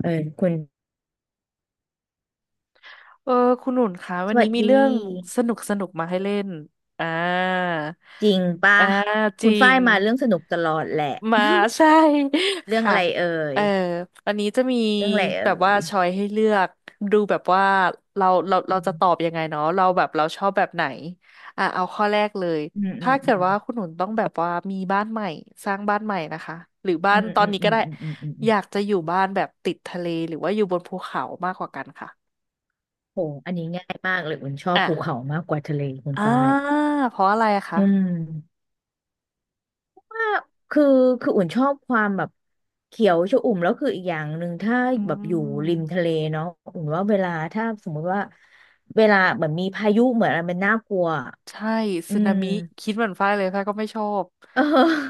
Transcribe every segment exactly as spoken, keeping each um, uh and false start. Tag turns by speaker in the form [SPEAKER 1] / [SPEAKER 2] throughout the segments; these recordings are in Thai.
[SPEAKER 1] เออคุณ
[SPEAKER 2] เออคุณหนุนคะวั
[SPEAKER 1] ส
[SPEAKER 2] น
[SPEAKER 1] วั
[SPEAKER 2] นี้
[SPEAKER 1] ส
[SPEAKER 2] มี
[SPEAKER 1] ดี
[SPEAKER 2] เรื่องสนุกสนุกมาให้เล่นอ่า
[SPEAKER 1] จริงป่ะ
[SPEAKER 2] อ่าจ
[SPEAKER 1] คุ
[SPEAKER 2] ริ
[SPEAKER 1] ณฝ้า
[SPEAKER 2] ง
[SPEAKER 1] ยมาเรื่องสนุกตลอดแหละ
[SPEAKER 2] มา ใช่
[SPEAKER 1] เรื่อง
[SPEAKER 2] ค่ะ
[SPEAKER 1] อะไรเอ่
[SPEAKER 2] เอ
[SPEAKER 1] ย
[SPEAKER 2] ออันนี้จะมี
[SPEAKER 1] เรื่องอะไรเอ่
[SPEAKER 2] แบบว่า
[SPEAKER 1] ย
[SPEAKER 2] ชอยให้เลือกดูแบบว่าเราเราเราจะตอบยังไงเนาะเราแบบเราชอบแบบไหนอ่าเอาข้อแรกเลย
[SPEAKER 1] อืมอื
[SPEAKER 2] ถ้า
[SPEAKER 1] ม
[SPEAKER 2] เกิ
[SPEAKER 1] อื
[SPEAKER 2] ด
[SPEAKER 1] ม
[SPEAKER 2] ว่าคุณหนุนต้องแบบว่ามีบ้านใหม่สร้างบ้านใหม่นะคะหรือบ้า
[SPEAKER 1] อื
[SPEAKER 2] น
[SPEAKER 1] ม
[SPEAKER 2] ตอ
[SPEAKER 1] อื
[SPEAKER 2] น
[SPEAKER 1] ม
[SPEAKER 2] นี้
[SPEAKER 1] อื
[SPEAKER 2] ก็
[SPEAKER 1] ม
[SPEAKER 2] ได้
[SPEAKER 1] อืมอืมอืมอื
[SPEAKER 2] อ
[SPEAKER 1] ม
[SPEAKER 2] ยากจะอยู่บ้านแบบติดทะเลหรือว่าอยู่บนภูเขามากกว่ากันค่ะ
[SPEAKER 1] โหอันนี้ง่ายมากเลยอุ่นชอบ
[SPEAKER 2] อ่ะ
[SPEAKER 1] ภูเขามากกว่าทะเลคุณ
[SPEAKER 2] อ่า
[SPEAKER 1] ฝ้าย
[SPEAKER 2] เพราะอะไรอะคะ
[SPEAKER 1] อืมคือคืออุ่นชอบความแบบเขียวชอุ่มแล้วคืออีกอย่างหนึ่งถ้า
[SPEAKER 2] อื
[SPEAKER 1] แบบอยู่ริม
[SPEAKER 2] ม
[SPEAKER 1] ทะเลเนาะอุ่นว่าเวลาถ้าสมมุติว่าเวลาเหมือนมีพายุเหมือนอะไรมันน่ากลัว
[SPEAKER 2] ใช่
[SPEAKER 1] อื
[SPEAKER 2] สึนามิคิ
[SPEAKER 1] ม
[SPEAKER 2] ดเหมือนฝ้ายเลยฝ้ายก็ไม่ชอบ
[SPEAKER 1] เออ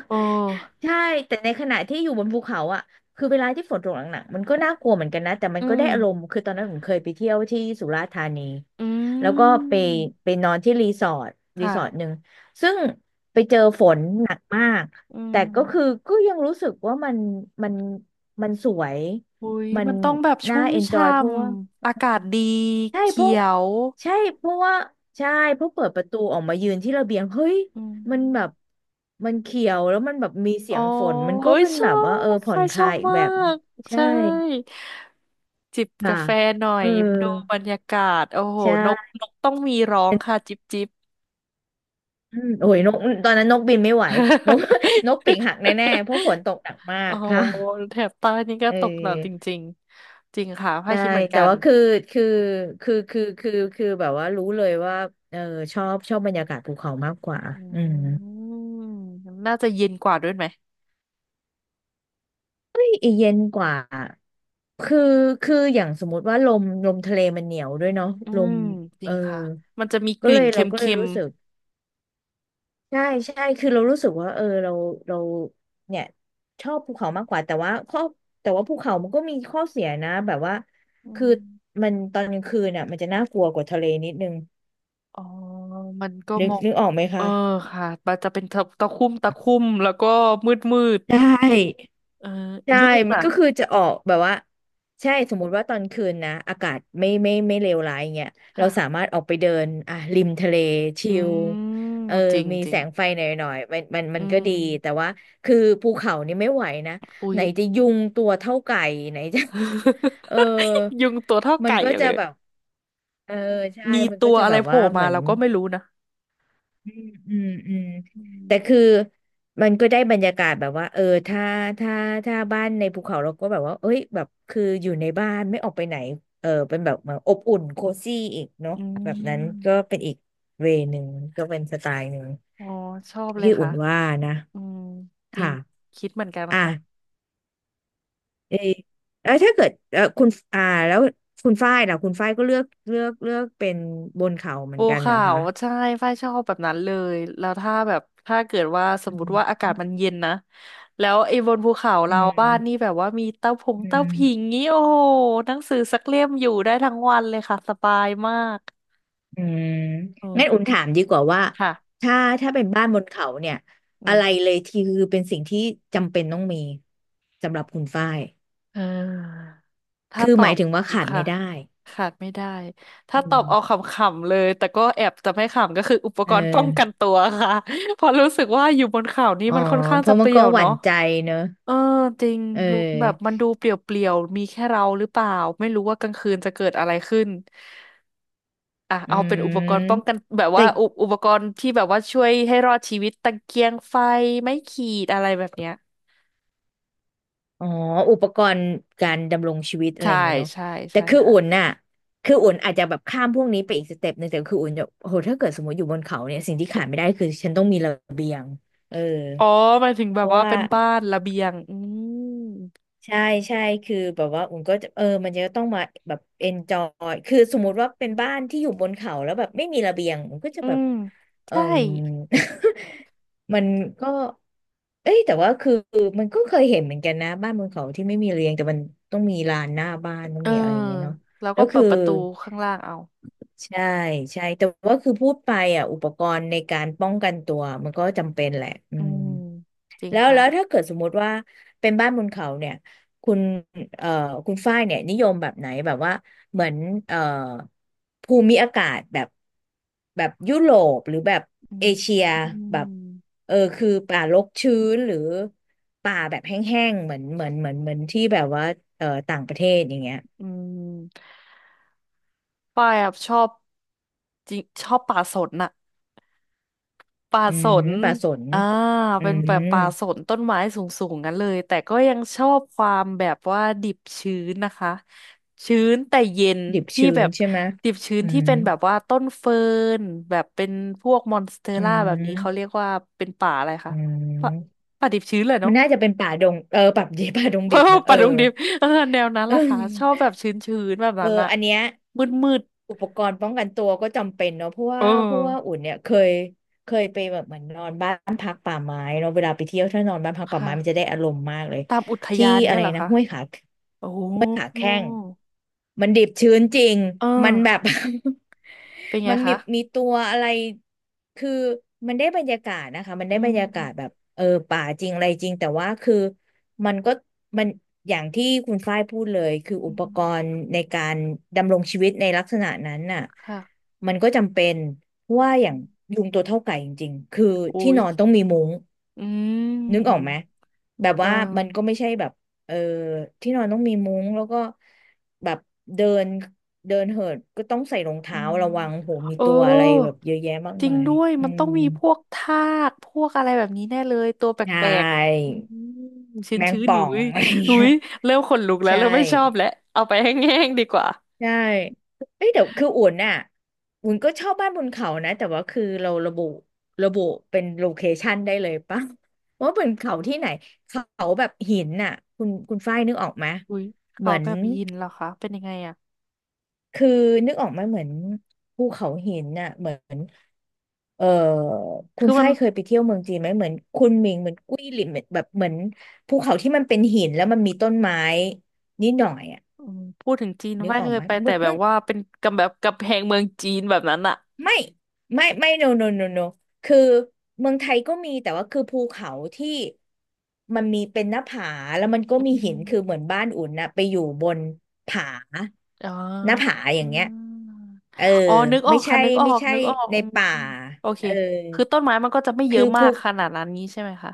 [SPEAKER 2] เออ
[SPEAKER 1] ใช่แต่ในขณะที่อยู่บนภูเขาอ่ะคือเวลาที่ฝนตกหนักๆมันก็น่ากลัวเหมือนกันนะแต่มัน
[SPEAKER 2] อื
[SPEAKER 1] ก็
[SPEAKER 2] ม
[SPEAKER 1] ได้อารมณ์คือตอนนั้นผมเคยไปเที่ยวที่สุราษฎร์ธานี
[SPEAKER 2] อื
[SPEAKER 1] แล้วก็ไป
[SPEAKER 2] ม
[SPEAKER 1] ไปนอนที่รีสอร์ทรี
[SPEAKER 2] ค่ะ
[SPEAKER 1] สอร์ทหนึ่งซึ่งไปเจอฝนหนักมาก
[SPEAKER 2] อืม
[SPEAKER 1] แต่ก็คือก็ยังรู้สึกว่ามันมันมันสวย
[SPEAKER 2] อุ้ย
[SPEAKER 1] มัน
[SPEAKER 2] มันต้องแบบ
[SPEAKER 1] น่า
[SPEAKER 2] ชุ่ม
[SPEAKER 1] เอนจอ
[SPEAKER 2] ช่
[SPEAKER 1] ยเพราะว่า
[SPEAKER 2] ำอากาศดี
[SPEAKER 1] ใช่เพ
[SPEAKER 2] เขี
[SPEAKER 1] ราะ
[SPEAKER 2] ยว
[SPEAKER 1] ใช่เพราะว่าใช่เพราะเปิดประตูออกมายืนที่ระเบียงเฮ้ย
[SPEAKER 2] อื
[SPEAKER 1] มันแบบ
[SPEAKER 2] ม
[SPEAKER 1] มันเขียวแล้วมันแบบมีเสี
[SPEAKER 2] โอ้
[SPEAKER 1] ยงฝนมันก็
[SPEAKER 2] ย
[SPEAKER 1] เป็น
[SPEAKER 2] ช
[SPEAKER 1] แบ
[SPEAKER 2] อ
[SPEAKER 1] บว่าเออ
[SPEAKER 2] บ
[SPEAKER 1] ผ่
[SPEAKER 2] ไฟ
[SPEAKER 1] อนค
[SPEAKER 2] ชอ
[SPEAKER 1] ลาย
[SPEAKER 2] บ
[SPEAKER 1] อีก
[SPEAKER 2] มา
[SPEAKER 1] แบบหนึ่ง
[SPEAKER 2] ก
[SPEAKER 1] ใช่
[SPEAKER 2] ใช่จิบ
[SPEAKER 1] ค่ะ
[SPEAKER 2] กาแฟหน่อ
[SPEAKER 1] เออ
[SPEAKER 2] ยดูบรรยากาศโอ้โหนก
[SPEAKER 1] ใช่
[SPEAKER 2] นกต้องมีร้องค่ะจิบจิบ
[SPEAKER 1] อืมโอ้ยนกตอนนั้นนกบินไม่ไหวนก นกปีกหักแน่ๆ เพราะฝนตกหนักมา
[SPEAKER 2] โอ้
[SPEAKER 1] ก
[SPEAKER 2] โห
[SPEAKER 1] ค่ะ
[SPEAKER 2] แถบใต้นี่ก็
[SPEAKER 1] เอ
[SPEAKER 2] ตกหนักจ
[SPEAKER 1] อ
[SPEAKER 2] ริงๆจริงค่ะพ้าย
[SPEAKER 1] ใช่
[SPEAKER 2] คิดเหมือน
[SPEAKER 1] แต่
[SPEAKER 2] กัน
[SPEAKER 1] ว่าคือคือคือคือคือคือแบบว่ารู้เลยว่าเออชอบชอบบรรยากาศภูเขามากกว่า
[SPEAKER 2] อื
[SPEAKER 1] อืม
[SPEAKER 2] มน่าจะเย็นกว่าด้วยไหม
[SPEAKER 1] เฮ้ยเย็นกว่า คือคืออย่างสมมติว่าลมลมทะเลมันเหนียวด้วยเนาะ
[SPEAKER 2] อื
[SPEAKER 1] ลม
[SPEAKER 2] มจ
[SPEAKER 1] เอ
[SPEAKER 2] ริ
[SPEAKER 1] อ
[SPEAKER 2] งค่ะมันจะมีก
[SPEAKER 1] ก็เล
[SPEAKER 2] ลิ่น
[SPEAKER 1] ย
[SPEAKER 2] เค
[SPEAKER 1] เราก็เล
[SPEAKER 2] ็
[SPEAKER 1] ย
[SPEAKER 2] ม
[SPEAKER 1] รู้สึกใช่ใช่คือเรารู้สึกว่าเออเราเราเนี่ยชอบภูเขามากกว่าแต่ว่าข้อแต่ว่าภูเขามันก็มีข้อเสียนะแบบว่า
[SPEAKER 2] ๆอื
[SPEAKER 1] คือ
[SPEAKER 2] ม
[SPEAKER 1] มันตอนกลางคืนอ่ะมันจะน่ากลัวกว่าทะเลนิดนึง
[SPEAKER 2] อ๋อมันก็
[SPEAKER 1] นึ
[SPEAKER 2] ม
[SPEAKER 1] ก
[SPEAKER 2] อง
[SPEAKER 1] นึกออกไหม
[SPEAKER 2] เออ
[SPEAKER 1] คะ
[SPEAKER 2] ค่ะมันจะเป็นตะตะคุ่มตะคุ่มแล้วก็มืดมืด
[SPEAKER 1] ได้
[SPEAKER 2] เออ
[SPEAKER 1] ใช่
[SPEAKER 2] ยุ่ง
[SPEAKER 1] มัน
[SPEAKER 2] อ่ะ
[SPEAKER 1] ก็คือจะออกแบบว่าใช่สมมุติว่าตอนคืนนะอากาศไม่ไม่ไม่เลวร้ายอย่างเงี้ยเรา
[SPEAKER 2] ค่ะ
[SPEAKER 1] สามารถออกไปเดินอ่ะริมทะเลชิ
[SPEAKER 2] อื
[SPEAKER 1] ล
[SPEAKER 2] ม
[SPEAKER 1] เออ
[SPEAKER 2] เอาจริง
[SPEAKER 1] มี
[SPEAKER 2] จริ
[SPEAKER 1] แส
[SPEAKER 2] ง
[SPEAKER 1] งไฟหน่อยหน่อยมันมันมั
[SPEAKER 2] อื
[SPEAKER 1] นก็
[SPEAKER 2] ม
[SPEAKER 1] ดีแต่ว่าคือภูเขานี่ไม่ไหวนะ
[SPEAKER 2] อุ๊
[SPEAKER 1] ไห
[SPEAKER 2] ย
[SPEAKER 1] นจะยุงตัวเท่าไก่ไหนจะ เออ
[SPEAKER 2] ยุงตัวเท่า
[SPEAKER 1] มัน
[SPEAKER 2] ไก่
[SPEAKER 1] ก็จะ
[SPEAKER 2] เลย
[SPEAKER 1] แบบเออใช่
[SPEAKER 2] มี
[SPEAKER 1] มัน
[SPEAKER 2] ตั
[SPEAKER 1] ก็
[SPEAKER 2] ว
[SPEAKER 1] จะ
[SPEAKER 2] อะ
[SPEAKER 1] แบ
[SPEAKER 2] ไร
[SPEAKER 1] บ
[SPEAKER 2] โผล่
[SPEAKER 1] ว่าเห
[SPEAKER 2] มา
[SPEAKER 1] มือน
[SPEAKER 2] เราก็ไม่รู้นะ
[SPEAKER 1] อืมอืมอืม
[SPEAKER 2] อื
[SPEAKER 1] แต่คือ
[SPEAKER 2] ม
[SPEAKER 1] มันก็ได้บรรยากาศแบบว่าเออถ้าถ้าถ้าบ้านในภูเขาเราก็แบบว่าเอ้ยแบบคืออยู่ในบ้านไม่ออกไปไหนเออเป็นแบบเหมือนอบอุ่นโคซี่อีกเนาะ
[SPEAKER 2] อื
[SPEAKER 1] แบบนั้นก็เป็
[SPEAKER 2] ม
[SPEAKER 1] นอีกเวย์หนึ่งก็เป็นสไตล์หนึ่ง
[SPEAKER 2] อ๋อชอบเลย
[SPEAKER 1] ที่อุ่
[SPEAKER 2] ค่ะ
[SPEAKER 1] นว่านะ
[SPEAKER 2] อืมจริง
[SPEAKER 1] ค่ะ
[SPEAKER 2] คิดเหมือนกันนะคะ
[SPEAKER 1] อ่ะเออแล้วถ้าเกิดเออคุณอ่าแล้วคุณฝ้ายล่ะคุณฝ้ายก็เลือกเลือกเลือกเป็นบนเขาเหมือ
[SPEAKER 2] ปู
[SPEAKER 1] นกันเหร
[SPEAKER 2] ขา
[SPEAKER 1] อ
[SPEAKER 2] ว
[SPEAKER 1] คะ
[SPEAKER 2] ใช่ฝ้ายชอบแบบนั้นเลยแล้วถ้าแบบถ้าเกิดว่าสม
[SPEAKER 1] อื
[SPEAKER 2] มติ
[SPEAKER 1] ม
[SPEAKER 2] ว่าอากาศมันเย็นนะแล้วไอ้บนภูเขา
[SPEAKER 1] อื
[SPEAKER 2] เราบ้านนี่
[SPEAKER 1] ม
[SPEAKER 2] แบบว่ามีเต้าผง
[SPEAKER 1] อื
[SPEAKER 2] เต้า
[SPEAKER 1] ม
[SPEAKER 2] ผิงงี้โอ้โหหนังสือสักเล่มอยู่ได้ทั้งวันเลยค่ะสบายมาก
[SPEAKER 1] อืม
[SPEAKER 2] โอ้
[SPEAKER 1] งั้นอุ่นถามดีกว่าว่า
[SPEAKER 2] ค่ะ
[SPEAKER 1] ถ้าถ้าเป็นบ้านบนเขาเนี่ย
[SPEAKER 2] อื
[SPEAKER 1] อะไร
[SPEAKER 2] ม
[SPEAKER 1] เลยที่คือเป็นสิ่งที่จำเป็นต้องมีสำหรับคุณฝ้าย
[SPEAKER 2] อ่า ถ้า
[SPEAKER 1] คือ
[SPEAKER 2] ต
[SPEAKER 1] ห
[SPEAKER 2] อ
[SPEAKER 1] มาย
[SPEAKER 2] บ
[SPEAKER 1] ถึงว่าขาดไม่
[SPEAKER 2] ค่ะ
[SPEAKER 1] ได้
[SPEAKER 2] ขาดไม่ได้ถ้า
[SPEAKER 1] อื
[SPEAKER 2] ตอ
[SPEAKER 1] ม
[SPEAKER 2] บเอาขำๆเลยแต่ก็แอบจะไม่ขำก็คืออุป
[SPEAKER 1] เอ
[SPEAKER 2] กรณ์ป้องกัน
[SPEAKER 1] อ
[SPEAKER 2] ตัวค่ะ เพราะรู้สึกว่าอยู่บนเขานี่
[SPEAKER 1] อ๋อ
[SPEAKER 2] มันค่อนข้าง
[SPEAKER 1] เพ
[SPEAKER 2] จะ
[SPEAKER 1] ราะ
[SPEAKER 2] เป
[SPEAKER 1] มัน
[SPEAKER 2] ลี่
[SPEAKER 1] ก็
[SPEAKER 2] ยว
[SPEAKER 1] หวั่
[SPEAKER 2] เนาะ
[SPEAKER 1] นใจเนอะ
[SPEAKER 2] เออจริง
[SPEAKER 1] เอ
[SPEAKER 2] รู้แบบ
[SPEAKER 1] อ
[SPEAKER 2] มันดูเปลี่ยวๆมีแค่เราหรือเปล่าไม่รู้ว่ากลางคืนจะเกิดอะไรขึ้นอ่ะ
[SPEAKER 1] อื
[SPEAKER 2] เอาเป็นอุปกรณ์ป้อง
[SPEAKER 1] ม
[SPEAKER 2] กันแบบ
[SPEAKER 1] แต่
[SPEAKER 2] ว่าอุอุปกรณ์ที่แบบว่าช่วยให้รอดชีวิตตะเกียงไฟไม้ขีดอะไรแบบเนี้ย
[SPEAKER 1] อ๋ออุปกรณ์การดำรงชีวิตอะไร
[SPEAKER 2] ใช่
[SPEAKER 1] อย่างเงี้ยเนาะ
[SPEAKER 2] ใช่
[SPEAKER 1] แต่
[SPEAKER 2] ใช่
[SPEAKER 1] คือ
[SPEAKER 2] ค่ะ
[SPEAKER 1] อุ่นน่ะคืออุ่นอาจจะแบบข้ามพวกนี้ไปอีกสเต็ปหนึ่งแต่คืออุ่นจะโหถ้าเกิดสมมติอยู่บนเขาเนี่ยสิ่งที่ขาดไม่ได้คือฉันต้องมีระเบียงเออ
[SPEAKER 2] อ๋อหมายถึงแบ
[SPEAKER 1] เพ
[SPEAKER 2] บ
[SPEAKER 1] ราะ
[SPEAKER 2] ว่า
[SPEAKER 1] ว่า
[SPEAKER 2] เป็นบ้านระเบียงอืม
[SPEAKER 1] ใช่ใช่คือแบบว่าอุ่นก็จะเออมันจะต้องมาแบบเอนจอยคือสมมุติว่าเป็นบ้านที่อยู่บนเขาแล้วแบบไม่มีระเบียงอุ่นก็จะ
[SPEAKER 2] อื
[SPEAKER 1] แบบ
[SPEAKER 2] ม
[SPEAKER 1] เออ
[SPEAKER 2] ใช่
[SPEAKER 1] มัน ก็เอ้ยแต่ว่าคือมันก็เคยเห็นเหมือนกันนะบ้านบนเขาที่ไม่มีระเบียงแต่มันต้องมีลานหน้าบ้านต้อง
[SPEAKER 2] เออ
[SPEAKER 1] มีอะไรอย่างเงี้ยเนาะ
[SPEAKER 2] แล้ว
[SPEAKER 1] แล้
[SPEAKER 2] ก็
[SPEAKER 1] ว
[SPEAKER 2] เปิ
[SPEAKER 1] คื
[SPEAKER 2] ด
[SPEAKER 1] อ
[SPEAKER 2] ประตูข้างล่างเอา
[SPEAKER 1] ใช่ใช่แต่ว่าคือพูดไปอ่ะอุปกรณ์ในการป้องกันตัวมันก็จำเป็นแหละอื
[SPEAKER 2] อื
[SPEAKER 1] ม
[SPEAKER 2] มจริง
[SPEAKER 1] แล้ว
[SPEAKER 2] ค่ะ
[SPEAKER 1] แล้วถ้าเกิดสมมุติว่าเป็นบ้านบนเขาเนี่ยคุณเอ่อคุณฝ้ายเนี่ยนิยมแบบไหนแบบว่าเหมือนเอ่อภูมิอากาศแบบแบบยุโรปหรือแบบ
[SPEAKER 2] อื
[SPEAKER 1] เอ
[SPEAKER 2] ม
[SPEAKER 1] เชีย
[SPEAKER 2] อื
[SPEAKER 1] แบบ
[SPEAKER 2] ม
[SPEAKER 1] เออคือป่ารกชื้นหรือป่าแบบแห้งๆเหมือนเหมือนเหมือนเหมือนที่แบบว่าเอ่อต่างประเทศอย่างเงี้ย
[SPEAKER 2] อืมป้ายอะชอบจริงชอบป่าสนน่ะ ป่า
[SPEAKER 1] อื
[SPEAKER 2] ส
[SPEAKER 1] ม
[SPEAKER 2] น
[SPEAKER 1] ป่าสน
[SPEAKER 2] อ่า
[SPEAKER 1] อื
[SPEAKER 2] เป็นแบ
[SPEAKER 1] ม
[SPEAKER 2] บป่าสนต้นไม้สูงๆงั้นเลย แต่ก็ยังชอบความแบบว่าดิบชื้นนะคะ ชื้นแต่เย็น
[SPEAKER 1] ดิบ
[SPEAKER 2] ที่
[SPEAKER 1] ชื้
[SPEAKER 2] แบ
[SPEAKER 1] น
[SPEAKER 2] บ
[SPEAKER 1] ใช่ไหม
[SPEAKER 2] ดิบชื้น
[SPEAKER 1] อื
[SPEAKER 2] ที่
[SPEAKER 1] ม
[SPEAKER 2] เป็นแบบว่าต้นเฟิร์นแบบเป็นพวกมอนสเตอ
[SPEAKER 1] อื
[SPEAKER 2] ร่าแบบนี้เขาเรีย
[SPEAKER 1] ม
[SPEAKER 2] กว่าเป็นป่าอะไรคะ
[SPEAKER 1] อื
[SPEAKER 2] ป่า
[SPEAKER 1] ม
[SPEAKER 2] ป่าดิบชื้นเลย
[SPEAKER 1] มั
[SPEAKER 2] เนาะ
[SPEAKER 1] นน่าจะเป็นป่าดงเออป่าดี ป่าดง ดิบ
[SPEAKER 2] เ่า
[SPEAKER 1] นะเอ
[SPEAKER 2] ป่า
[SPEAKER 1] อ
[SPEAKER 2] ดงดิบเออแนวนั้น
[SPEAKER 1] เอ
[SPEAKER 2] ล่ะค่ะชอบ
[SPEAKER 1] อ
[SPEAKER 2] แบบชื้นๆแบบ
[SPEAKER 1] เอ
[SPEAKER 2] นั้
[SPEAKER 1] อ
[SPEAKER 2] นอะ
[SPEAKER 1] อันเนี้ย
[SPEAKER 2] มืด
[SPEAKER 1] อุปกรณ์ป้องกันตัวก็จำเป็นเนาะเพราะ
[SPEAKER 2] ๆเอ
[SPEAKER 1] ว่า
[SPEAKER 2] อ
[SPEAKER 1] เพราะว่าอุ่นเนี่ยเคยเคยไปแบบเหมือนนอนบ้านพักป่าไม้เนาะเวลาไปเที่ยวถ้านอนบ้านพักป่าไม้มันจะ
[SPEAKER 2] ค่ะ
[SPEAKER 1] ได้อารมณ์มากเลย
[SPEAKER 2] ตามอุท
[SPEAKER 1] ที่
[SPEAKER 2] ยาน
[SPEAKER 1] อะไร
[SPEAKER 2] เงี้ยเหรอ
[SPEAKER 1] นะ
[SPEAKER 2] คะ
[SPEAKER 1] ห้วยขา
[SPEAKER 2] โอ้โห
[SPEAKER 1] มันดิบชื้นจริง
[SPEAKER 2] เออ
[SPEAKER 1] มันแบบ
[SPEAKER 2] เป็น ไง
[SPEAKER 1] มันมี
[SPEAKER 2] คะ
[SPEAKER 1] มีตัวอะไร คือมันได้บรรยากาศนะคะมัน
[SPEAKER 2] อื
[SPEAKER 1] ได้บรรยากาศแบ
[SPEAKER 2] ม
[SPEAKER 1] บเออป่าจริงอะไรจริงแต่ว่าคือมันก็มันอย่างที่คุณฝ้ายพูดเลยคือ
[SPEAKER 2] อื
[SPEAKER 1] อุป
[SPEAKER 2] ม
[SPEAKER 1] กรณ์ในการดำรงชีวิตในลักษณะนั้นน่ะ
[SPEAKER 2] ค่ะ
[SPEAKER 1] มันก็จำเป็นเพราะว่าอ
[SPEAKER 2] อื
[SPEAKER 1] ย่าง
[SPEAKER 2] ม
[SPEAKER 1] ยุงตัวเท่าไก่จริงๆคือที่
[SPEAKER 2] อุ้ย
[SPEAKER 1] นอนต้องมีมุ้ง
[SPEAKER 2] อื
[SPEAKER 1] นึกออ
[SPEAKER 2] ม
[SPEAKER 1] กไหมแบบ
[SPEAKER 2] เอ
[SPEAKER 1] ว่ามันก็
[SPEAKER 2] อ
[SPEAKER 1] ไม่ใช่แบบ เออที่นอนต้องมีมุ้งแล้วก็แบบเดินเดินเหินก็ต้องใส่รอง
[SPEAKER 2] อื
[SPEAKER 1] เท้า
[SPEAKER 2] ม
[SPEAKER 1] ระวังโหมี
[SPEAKER 2] เออ
[SPEAKER 1] ตัวอะไรแบบเยอะแยะมาก
[SPEAKER 2] จริง
[SPEAKER 1] มาย
[SPEAKER 2] ด้วย
[SPEAKER 1] อื
[SPEAKER 2] มันต้อ
[SPEAKER 1] ม
[SPEAKER 2] งมีพวกทากพวกอะไรแบบนี้แน่เลย ตัวแป
[SPEAKER 1] ใช
[SPEAKER 2] ลกๆ
[SPEAKER 1] ่
[SPEAKER 2] อืมชื้น
[SPEAKER 1] แมง
[SPEAKER 2] ชื้น
[SPEAKER 1] ป่
[SPEAKER 2] อ
[SPEAKER 1] อ
[SPEAKER 2] ยู่
[SPEAKER 1] ง
[SPEAKER 2] อุ้ย
[SPEAKER 1] อะไร
[SPEAKER 2] อุ้
[SPEAKER 1] เงี้ย
[SPEAKER 2] ยเริ่มขนลุกแล้ว
[SPEAKER 1] ใช่
[SPEAKER 2] เริ่มไม่ชอบแล้วเอาไปแห้งๆดีกว่า
[SPEAKER 1] ใช่เอ้ยเดี๋ยวคืออุ่นน่ะอุ่นก็ชอบบ้านบนเขานะแต่ว่าคือเราระบุระบุเป็นโลเคชันได้เลยปะ ว่าเป็นเขาที่ไหนเขาแบบหินน่ะคุณคุณฝ้ายนึกออกไหม
[SPEAKER 2] อุ้ย
[SPEAKER 1] เห
[SPEAKER 2] เขา
[SPEAKER 1] มือน
[SPEAKER 2] แบบยินเหรอคะ เป็นยังไงอะ
[SPEAKER 1] คือนึกออกไหมาเหมือนภูเขาหินน่ะเหมือนเออคุ
[SPEAKER 2] คื
[SPEAKER 1] ณ
[SPEAKER 2] อมั
[SPEAKER 1] ฝ้า
[SPEAKER 2] น
[SPEAKER 1] ยเคยไปเที่ยวเมืองจีนไหมเหมือนคุณหมิงเหมือนกุ้ยหลินเหมือนแบบเหมือนภูเขาที่มันเป็นหินแล้วมันมีต้นไม้นิดหน่อยอ่ะ
[SPEAKER 2] อืมพูดถึงจีน
[SPEAKER 1] นึก
[SPEAKER 2] ไม่า
[SPEAKER 1] อ
[SPEAKER 2] เค
[SPEAKER 1] อก
[SPEAKER 2] ย
[SPEAKER 1] ไหม
[SPEAKER 2] ไปแต่
[SPEAKER 1] เมือง
[SPEAKER 2] แบ
[SPEAKER 1] เมื
[SPEAKER 2] บ
[SPEAKER 1] อง
[SPEAKER 2] ว่าเป็นกับแบบกับแพงเมืองจีนแบบนั้นอะ
[SPEAKER 1] ไม่ไม่ไม่ no no no no no คือเมืองไทยก็มีแต่ว่าคือภูเขาที่มันมีเป็นหน้าผาแล้วมันก็
[SPEAKER 2] อื
[SPEAKER 1] มีหินคือเหมื
[SPEAKER 2] ม
[SPEAKER 1] อนบ้านอุ่นน่ะไปอยู่บนผา
[SPEAKER 2] อ๋อ
[SPEAKER 1] หน้าผาอ
[SPEAKER 2] อื
[SPEAKER 1] ย่างเงี้ย
[SPEAKER 2] ม
[SPEAKER 1] เออ
[SPEAKER 2] อ๋อนึกอ
[SPEAKER 1] ไม่
[SPEAKER 2] อก
[SPEAKER 1] ใช่
[SPEAKER 2] ค่ะนึกออ
[SPEAKER 1] ไม่
[SPEAKER 2] ก
[SPEAKER 1] ใช่
[SPEAKER 2] นึกออก
[SPEAKER 1] ใน
[SPEAKER 2] อืม
[SPEAKER 1] ป่า
[SPEAKER 2] โอเค
[SPEAKER 1] เออ
[SPEAKER 2] คือต้นไม้มันก็จะไม่เย
[SPEAKER 1] คื
[SPEAKER 2] อะ
[SPEAKER 1] อ
[SPEAKER 2] มา
[SPEAKER 1] ภู
[SPEAKER 2] กขนาดนั้นนี้ใช่ไหมคะ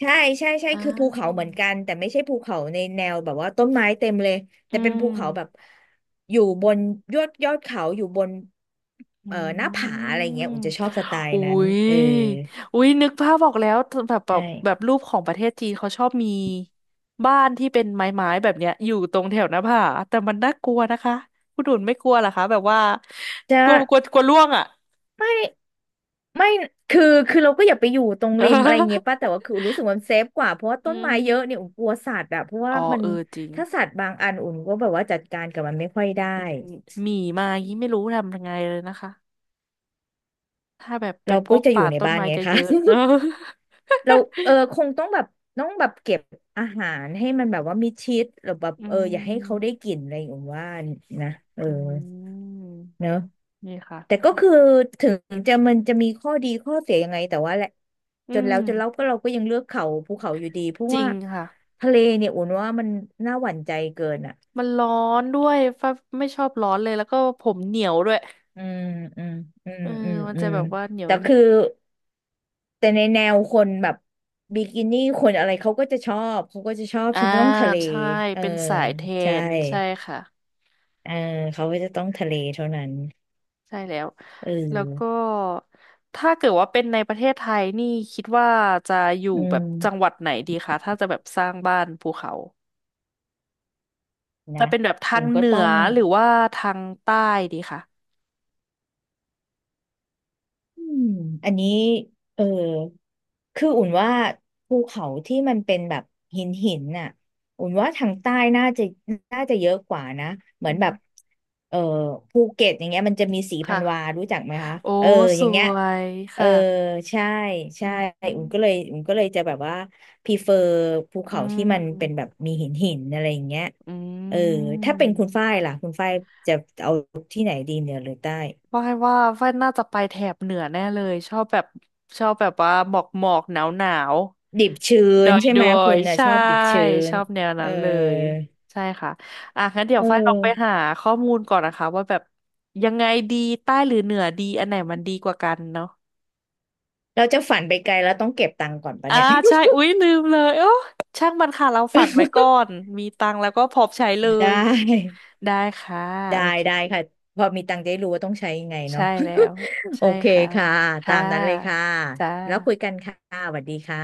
[SPEAKER 1] ใช่ใช่ใช่
[SPEAKER 2] อ่า
[SPEAKER 1] คือภูเขาเหมือนกันแต่ไม่ใช่ภูเขาในแนวแบบว่าต้นไม้เต็มเลย
[SPEAKER 2] อื
[SPEAKER 1] แต่เป็นภูเขาแบบ
[SPEAKER 2] ม
[SPEAKER 1] อยู่บนยอดยอดเขาอยู่บน
[SPEAKER 2] อื
[SPEAKER 1] เอ่อหน้าผา
[SPEAKER 2] ม
[SPEAKER 1] อะไรเงี้ยอุ่นจะชอบสไตล์
[SPEAKER 2] อุ้
[SPEAKER 1] นั้น
[SPEAKER 2] ย
[SPEAKER 1] เออ
[SPEAKER 2] อุ้ยนึกภาพออกแล้วแบบแบ
[SPEAKER 1] ใช
[SPEAKER 2] บแบบ
[SPEAKER 1] ่
[SPEAKER 2] รูปของประเทศจีนเขาชอบมีบ้านที่เป็นไม้ๆแบบเนี้ยอยู่ตรงแถวหน้าผาแต่มันน่ากลัวนะคะคุณดุนไม่กลัวเหรอคะแบบว่า
[SPEAKER 1] จะ
[SPEAKER 2] กลัวกลัวกลัวร่วงอ่ะ
[SPEAKER 1] ไม่ไม่คือคือเราก็อย่าไปอยู่ตรงริมอะไรเงี้ยป้าแต่ว่าคือ อุ่นรู้สึกว่ามันเซฟกว่าเพราะว่า
[SPEAKER 2] อื
[SPEAKER 1] ต้นไม้เยอะเนี่ย
[SPEAKER 2] ม
[SPEAKER 1] อุ่นกลัวสัตว์อะเพราะว่า
[SPEAKER 2] อ๋อ
[SPEAKER 1] มัน
[SPEAKER 2] เออจริง
[SPEAKER 1] ถ้าสัตว์บางอันอุ่นก็แบบว่าจัดการกับมันไม่ค่อยได้
[SPEAKER 2] หมีมายี่ไม่รู้ทำยังไงเลยนะคะ ถ้าแบบเป็
[SPEAKER 1] เรา
[SPEAKER 2] นพ
[SPEAKER 1] ก็
[SPEAKER 2] วก
[SPEAKER 1] จะอ
[SPEAKER 2] ป่า
[SPEAKER 1] ยู่ใน
[SPEAKER 2] ต้น
[SPEAKER 1] บ้าน
[SPEAKER 2] ไม้
[SPEAKER 1] ไง
[SPEAKER 2] จะเย
[SPEAKER 1] คะ
[SPEAKER 2] อะ
[SPEAKER 1] เราเออคงต้องแบบต้องแบบเก็บอาหารให้มันแบบว่ามิดชิดหรือแบบ
[SPEAKER 2] อื
[SPEAKER 1] เอออย่าให้เขาได้
[SPEAKER 2] ม
[SPEAKER 1] กลิ่นอะไรอย่างว่านะเออ
[SPEAKER 2] อืม
[SPEAKER 1] เนอะ
[SPEAKER 2] นี่ค่ะ
[SPEAKER 1] แต่ก็คือถึงจะมันจะมีข้อดีข้อเสียยังไงแต่ว่าแหละ
[SPEAKER 2] อื
[SPEAKER 1] จน
[SPEAKER 2] ม
[SPEAKER 1] แล้วจนแล้วก็เราก็ยังเลือกเขาภูเขาอยู่ดีเพราะ
[SPEAKER 2] จริ
[SPEAKER 1] ว่า
[SPEAKER 2] งค่ะ
[SPEAKER 1] ทะเลเนี่ยอุ่นว่ามันน่าหวั่นใจเกินอ่ะ
[SPEAKER 2] มันร้อนด้วยฟ้าไม่ชอบร้อนเลย แล้วก็ผมเหนียวด้วย
[SPEAKER 1] อืมอืมอืม
[SPEAKER 2] เออ
[SPEAKER 1] อืม
[SPEAKER 2] มัน
[SPEAKER 1] อื
[SPEAKER 2] จะ
[SPEAKER 1] ม
[SPEAKER 2] แบบว่าเหนียว
[SPEAKER 1] แต่
[SPEAKER 2] หนึบ
[SPEAKER 1] คือ แต่ในแนวคนแบบบิกินี่คนอะไรเขาก็จะชอบเขาก็จะชอบ
[SPEAKER 2] อ่า
[SPEAKER 1] ฉันจะต้องทะเล
[SPEAKER 2] ใช่
[SPEAKER 1] เออ
[SPEAKER 2] เป็นสายเท
[SPEAKER 1] ใช่
[SPEAKER 2] น ใช่ค่ะ
[SPEAKER 1] เออเขาก็จะต้องทะเลเท่านั้น
[SPEAKER 2] ใช่แล้ว
[SPEAKER 1] เอ
[SPEAKER 2] แล้วก็
[SPEAKER 1] อ
[SPEAKER 2] ถ้าเกิดว่าเป็นในประเทศไทยนี่คิดว่าจะอยู่
[SPEAKER 1] อื
[SPEAKER 2] แบบจังห
[SPEAKER 1] ม
[SPEAKER 2] วัดไหนดีคะถ้าจะแบบสร้างบ้านภูเขา จะ
[SPEAKER 1] นะ
[SPEAKER 2] เป็นแบบทา
[SPEAKER 1] คุ
[SPEAKER 2] ง
[SPEAKER 1] ณก็
[SPEAKER 2] เหนื
[SPEAKER 1] ต้อ
[SPEAKER 2] อ
[SPEAKER 1] ง
[SPEAKER 2] หรือว่าทางใต้ดีค่ะ
[SPEAKER 1] อืมอันนี้เออคืออุ่นว่าภูเขาที่มันเป็นแบบหินหินน่ะอุ่นว่าทางใต้น่าจะน่าจะเยอะกว่านะเหมือ
[SPEAKER 2] อื
[SPEAKER 1] นแบ
[SPEAKER 2] ม
[SPEAKER 1] บเออภูเก็ตอย่างเงี้ยมันจะมีสีพันวา
[SPEAKER 2] ค่ะ
[SPEAKER 1] รู้จักไหมคะ
[SPEAKER 2] โอ้
[SPEAKER 1] เออ
[SPEAKER 2] ส
[SPEAKER 1] อย่างเงี้ย
[SPEAKER 2] วย
[SPEAKER 1] เออ
[SPEAKER 2] ค่ะ
[SPEAKER 1] ใช่
[SPEAKER 2] อื
[SPEAKER 1] ใช่
[SPEAKER 2] มอื
[SPEAKER 1] อุ่
[SPEAKER 2] ม
[SPEAKER 1] นก็เลยอุ่นก็เลยจะแบบว่าพ r ีเฟอร์ภู
[SPEAKER 2] อื
[SPEAKER 1] เขาที่มันเป็นแบ
[SPEAKER 2] ม
[SPEAKER 1] บมีหินหินอะไรอย่างเงี้ยเออถ้าเป็นคุณฝ้ายล่ะคุณฝ้ายจะเอาที่ไหนดีเหนือหรือใต้
[SPEAKER 2] ฝ้ายว่าฝ้ายน่าจะไปแถบเหนือแน่เลยชอบแบบชอบแบบว่าหมอกหมอกหนาวหนาว
[SPEAKER 1] ดิบชื้
[SPEAKER 2] ด
[SPEAKER 1] น
[SPEAKER 2] อย
[SPEAKER 1] ใช่
[SPEAKER 2] ด
[SPEAKER 1] ไหม
[SPEAKER 2] อ
[SPEAKER 1] คุ
[SPEAKER 2] ย
[SPEAKER 1] ณ
[SPEAKER 2] ๆ
[SPEAKER 1] น่ะ
[SPEAKER 2] ใช่
[SPEAKER 1] ชอบดิบชื้
[SPEAKER 2] ช
[SPEAKER 1] น
[SPEAKER 2] อบแนว
[SPEAKER 1] เออ
[SPEAKER 2] นั้นเลยใช่ค่ะอ่ะงั้นเดี๋ย
[SPEAKER 1] เอ
[SPEAKER 2] ว
[SPEAKER 1] อ
[SPEAKER 2] ฝ้ายลองไปหาข้อมูลก่อนนะคะว่าแบบยังไงดีใต้หรือเหนือดีอันไหนมันดีกว่ากันเนาะ
[SPEAKER 1] เราจะฝันไปไกลแล้วต้องเก็บตังค์ก่อนปะ
[SPEAKER 2] อ่า
[SPEAKER 1] เนี่ย
[SPEAKER 2] ใช่อุ๊ยลืมเลยโอ้ช่างมันค่ะเราฝันไว้ก่อนมีตังค์แล้วก็พร้อมใช้เล
[SPEAKER 1] ได
[SPEAKER 2] ย
[SPEAKER 1] ้
[SPEAKER 2] ได้ค่ะ
[SPEAKER 1] ได้
[SPEAKER 2] โอเค
[SPEAKER 1] ได้ค่ะพอมีตังค์จะได้รู้ว่าต้องใช้ยังไงเนาะ
[SPEAKER 2] ใช่แล้ว
[SPEAKER 1] โอ
[SPEAKER 2] ใช่
[SPEAKER 1] เค
[SPEAKER 2] ค่ะ
[SPEAKER 1] ค่ะตา
[SPEAKER 2] ค่ะ
[SPEAKER 1] มนั้นเลยค่ะ
[SPEAKER 2] จ้า
[SPEAKER 1] แล้วคุยกันค่ะสวัสดีค่ะ